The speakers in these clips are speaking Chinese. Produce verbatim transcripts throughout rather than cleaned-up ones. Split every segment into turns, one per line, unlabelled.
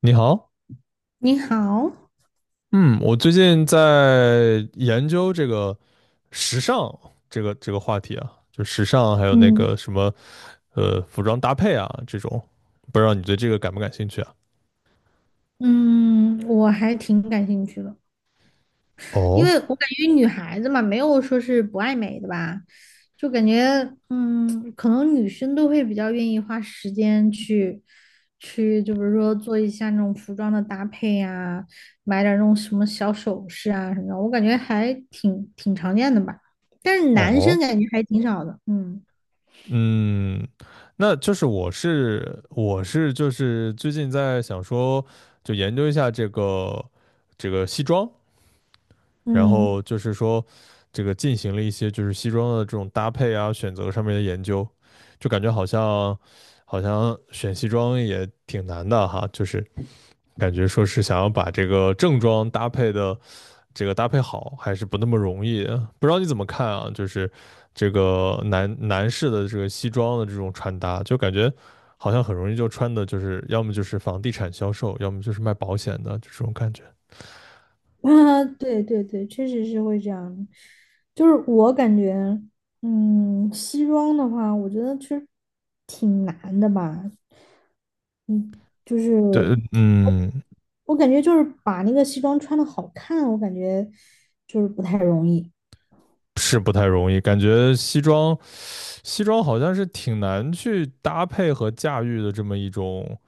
你好。
你好，
嗯，我最近在研究这个时尚这个这个话题啊，就时尚还有那
嗯
个什么呃服装搭配啊这种，不知道你对这个感不感兴趣啊？
嗯，我还挺感兴趣的，因为
哦
我感觉女孩子嘛，没有说是不爱美的吧，就感觉，嗯，可能女生都会比较愿意花时间去，去，就比如说做一下那种服装的搭配呀、买点儿那种什么小首饰啊什么的，我感觉还挺挺常见的吧，但是男生
哦，
感觉还挺少的，嗯
嗯，那就是我是我是就是最近在想说，就研究一下这个这个西装，然后
嗯。
就是说这个进行了一些就是西装的这种搭配啊选择上面的研究，就感觉好像好像选西装也挺难的哈，就是感觉说是想要把这个正装搭配的这个搭配好，还是不那么容易的，不知道你怎么看啊？就是这个男男士的这个西装的这种穿搭，就感觉。好像很容易就穿的，就是要么就是房地产销售，要么就是卖保险的，就这种感觉。
啊，对对对，确实是会这样的。就是我感觉，嗯，西装的话，我觉得其实挺难的吧。就
对，
是
嗯，
我感觉，就是把那个西装穿的好看，我感觉就是不太容易。
是不太容易，感觉西装，西装好像是挺难去搭配和驾驭的这么一种，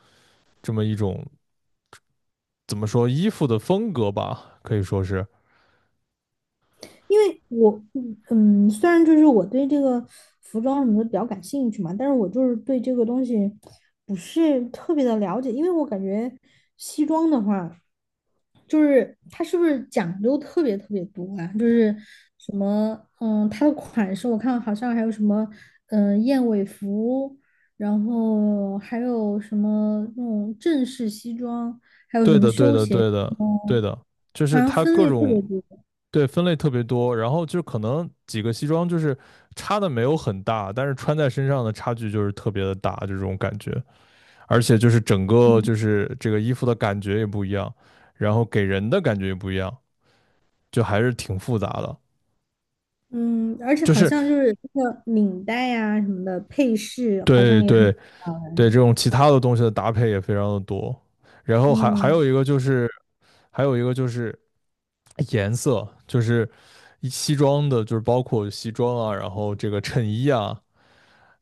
这么一种怎么说衣服的风格吧，可以说是
因为我嗯，嗯虽然就是我对这个服装什么的比较感兴趣嘛，但是我就是对这个东西不是特别的了解，因为我感觉西装的话，就是它是不是讲究特别特别多啊？就是什么嗯，它的款式我看好像还有什么嗯燕尾服，然后还有什么那种正式西装，还
对
有
的，对
休
的，
闲，
对的，对的，就
好
是
像
它
分
各
类特别
种
多。
对分类特别多，然后就可能几个西装就是差的没有很大，但是穿在身上的差距就是特别的大，就这种感觉，而且就是整个就是这个衣服的感觉也不一样，然后给人的感觉也不一样，就还是挺复杂的。
嗯，而且
就
好
是
像就是那个领带呀、什么的配饰，好像
对
也很
对对，这种其他的东西的搭配也非常的多。然后还还
嗯，
有一个就是，还有一个就是颜色，就是一西装的，就是包括西装啊，然后这个衬衣啊，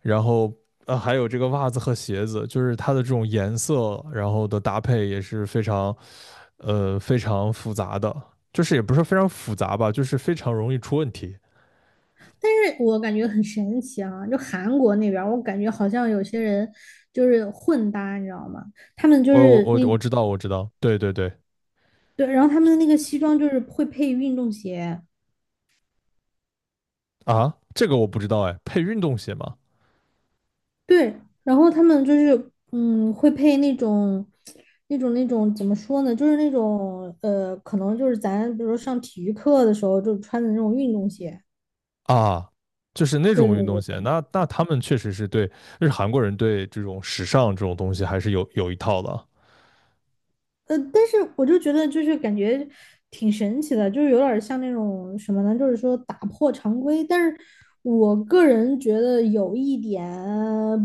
然后呃还有这个袜子和鞋子，就是它的这种颜色，然后的搭配也是非常，呃非常复杂的，就是也不是非常复杂吧，就是非常容易出问题。
但是我感觉很神奇啊，就韩国那边儿我感觉好像有些人就是混搭，你知道吗？他们就
我我
是
我
那
我知道我知道，对对对。
对，然后他们的那个西装就是会配运动鞋，
啊，这个我不知道哎，配运动鞋吗？
对，然后他们就是嗯会配那种那种那种怎么说呢，就是那种呃，可能就是咱比如说上体育课的时候就穿的那种运动鞋，
啊，就是那
对
种
对
运动
对。
鞋，那那他们确实是对，就是韩国人对这种时尚这种东西还是有有一套的。
呃，但是我就觉得就是感觉挺神奇的，就是有点像那种什么呢，就是说打破常规。但是我个人觉得有一点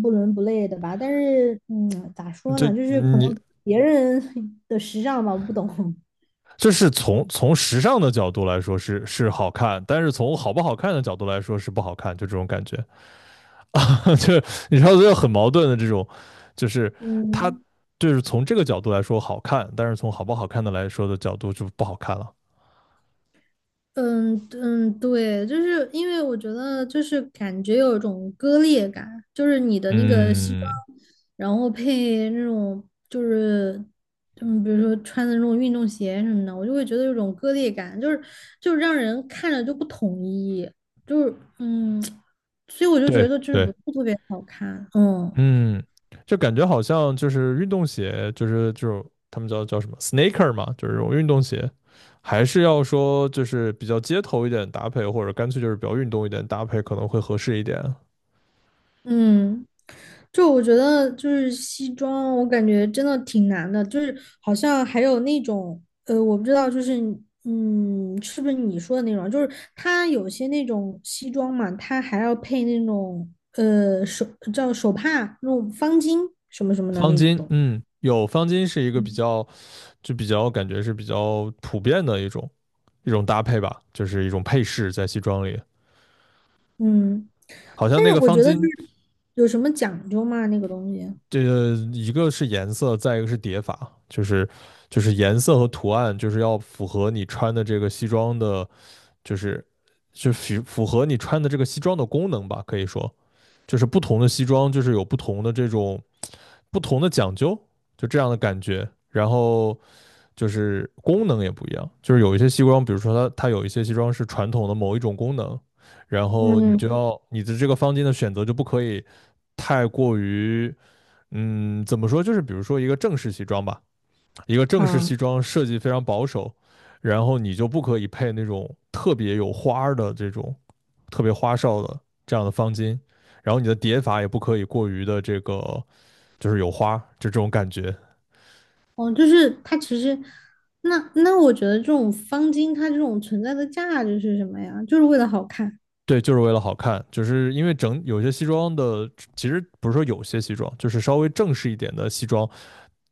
不伦不类的吧。但是嗯，咋说
这
呢，就是可
你
能别人 的时尚吧，我不懂。
就是从从时尚的角度来说是是好看，但是从好不好看的角度来说是不好看，就这种感觉。就你知道就很矛盾的这种，就是它
嗯。
就是从这个角度来说好看，但是从好不好看的来说的角度就不好看了。
嗯嗯，对，就是因为我觉得就是感觉有一种割裂感，就是你的那个西装，
嗯，
然后配那种就是嗯，比如说穿的那种运动鞋什么的，我就会觉得有种割裂感，就是就是让人看着就不统一，就是嗯，所以我就觉
对
得就是不
对，
是特别好看，嗯。
嗯，就感觉好像就是运动鞋，就是就他们叫叫什么 sneaker 嘛，就是这种运动鞋，还是要说就是比较街头一点搭配，或者干脆就是比较运动一点搭配可能会合适一点。
嗯，就我觉得就是西装，我感觉真的挺难的，就是好像还有那种呃，我不知道，就是嗯，是不是你说的那种？就是它有些那种西装嘛，它还要配那种呃手叫手帕那种方巾什么什么的
方
那
巾，
种。
嗯，有方巾是一个比较就比较感觉是比较普遍的一种一种搭配吧，就是一种配饰在西装里。
嗯，
好像
但
那
是
个
我
方
觉得就
巾，
是有什么讲究吗？那个东西？
这个一个是颜色，再一个是叠法，就是就是颜色和图案，就是要符合你穿的这个西装的，就是就符符合你穿的这个西装的功能吧，可以说就是不同的西装就是有不同的这种不同的讲究，就这样的感觉。然后就是功能也不一样，就是有一些西装，比如说它它有一些西装是传统的某一种功能，然后你就
嗯，
要你的这个方巾的选择就不可以太过于，嗯，怎么说？就是比如说一个正式西装吧，一个正式
好。
西装设计非常保守，然后你就不可以配那种特别有花儿的这种特别花哨的这样的方巾，然后你的叠法也不可以过于的这个就是有花，就这种感觉。
哦，就是它其实，那那我觉得这种方巾它这种存在的价值是什么呀？就是为了好看，
对，就是为了好看，就是因为整有些西装的，其实不是说有些西装，就是稍微正式一点的西装，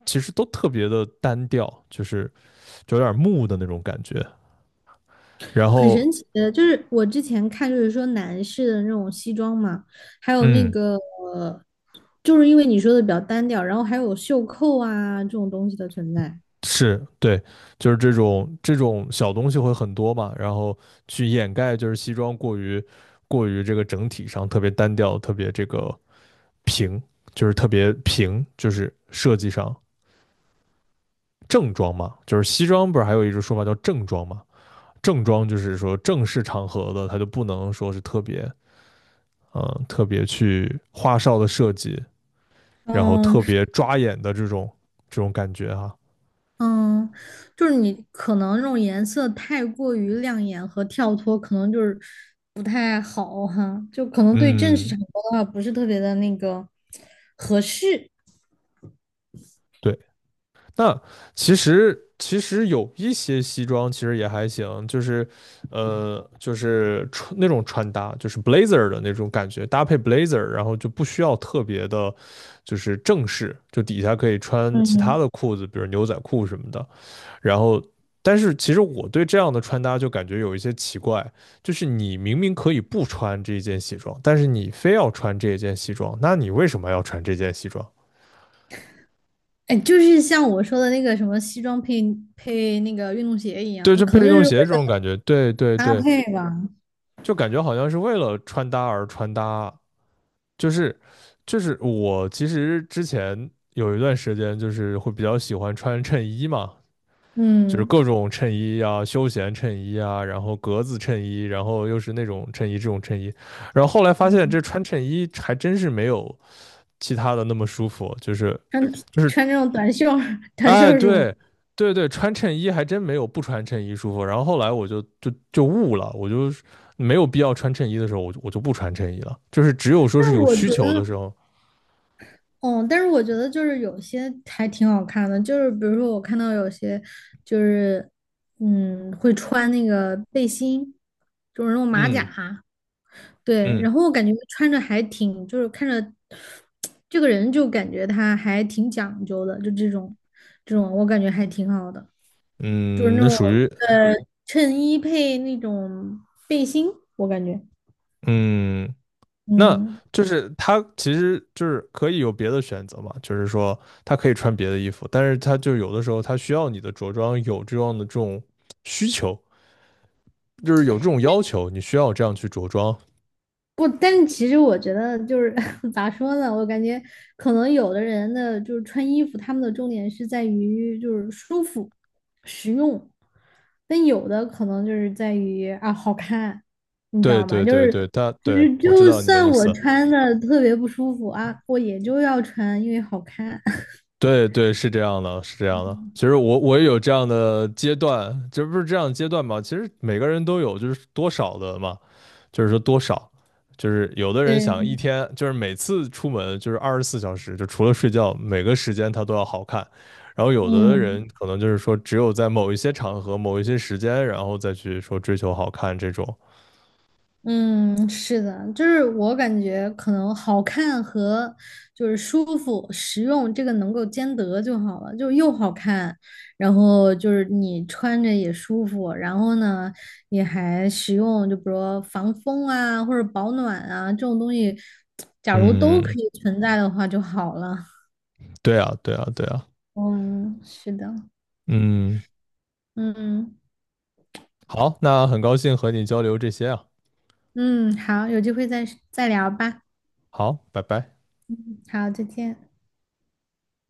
其实都特别的单调，就是就有点木的那种感觉。然
很
后，
神奇的。就是我之前看，就是说男士的那种西装嘛，还有那
嗯，
个，呃就是因为你说的比较单调，然后还有袖扣啊这种东西的存在。
是对，就是这种这种小东西会很多嘛，然后去掩盖就是西装过于过于这个整体上特别单调，特别这个平，就是特别平，就是设计上正装嘛，就是西装不是还有一种说法叫正装嘛，正装就是说正式场合的，它就不能说是特别嗯特别去花哨的设计，然后
嗯，
特别抓眼的这种这种感觉哈、
嗯，就是你可能这种颜色太过于亮眼和跳脱，可能就是不太好哈，就可能对正式
嗯，
场合的话不是特别的那个合适。
对。那其实其实有一些西装其实也还行，就是呃就是穿那种穿搭，就是 blazer 的那种感觉，搭配 blazer，然后就不需要特别的，就是正式，就底下可以穿其他
嗯，
的裤子，比如牛仔裤什么的。然后，但是其实我对这样的穿搭就感觉有一些奇怪，就是你明明可以不穿这一件西装，但是你非要穿这一件西装，那你为什么要穿这件西装？
哎，就是像我说的那个什么西装配配那个运动鞋一
对，
样，
就
可
配
能
运
就是
动
为
鞋这种
了
感觉，对对
搭
对。
配吧。
就感觉好像是为了穿搭而穿搭，就是就是我其实之前有一段时间就是会比较喜欢穿衬衣嘛，就是
嗯，
各种衬衣啊，休闲衬衣啊，然后格子衬衣，然后又是那种衬衣这种衬衣，然后后来发现
嗯
这穿衬衣还真是没有其他的那么舒服，就是
穿
就是
穿这种短袖儿 短袖
哎，
儿舒服。
对，对对，穿衬衣还真没有不穿衬衣舒服。然后后来我就就就悟了，我就是没有必要穿衬衣的时候，我就我就不穿衬衣了。就是只有说是
但
有
我
需
觉
求的
得
时候，
哦，但是我觉得就是有些还挺好看的，就是比如说我看到有些就是嗯会穿那个背心，就是那种马甲，
嗯
对，
嗯
然后我感觉穿着还挺就是看着这个人就感觉他还挺讲究的，就这种这种我感觉还挺好的，就是那
嗯，那
种
属于
呃衬衣配那种背心，我感觉
嗯，那
嗯。
就是他其实就是可以有别的选择嘛，就是说他可以穿别的衣服，但是他就有的时候他需要你的着装有这样的这种需求，就是有这种要求，你需要这样去着装。
不，但是其实我觉得就是 咋说呢，我感觉可能有的人的就是穿衣服，他们的重点是在于就是舒服、实用，但有的可能就是在于啊好看，你知
对
道吗？
对
就
对
是
对，他
就
对
是
我知
就
道你的
算
意
我
思。
穿的特别不舒服啊，我也就要穿，因为好看。
对对，是这样的，是这样的。其实我我也有这样的阶段，这不是这样的阶段嘛？其实每个人都有，就是多少的嘛，就是说多少，就是有的人想一
对，
天，就是每次出门就是二十四小时，就除了睡觉，每个时间他都要好看。然后有的人
嗯。
可能就是说，只有在某一些场合、某一些时间，然后再去说追求好看这种。
嗯，是的，就是我感觉可能好看和就是舒服、实用这个能够兼得就好了，就又好看，然后就是你穿着也舒服，然后呢也还实用，就比如说防风啊或者保暖啊这种东西，假如都可
嗯，
以存在的话就好了。
对啊，对啊，对啊。
嗯，是的，
嗯，
嗯
好，那很高兴和你交流这些啊。
嗯，好，有机会再再聊吧。
好，拜拜。
好，再见。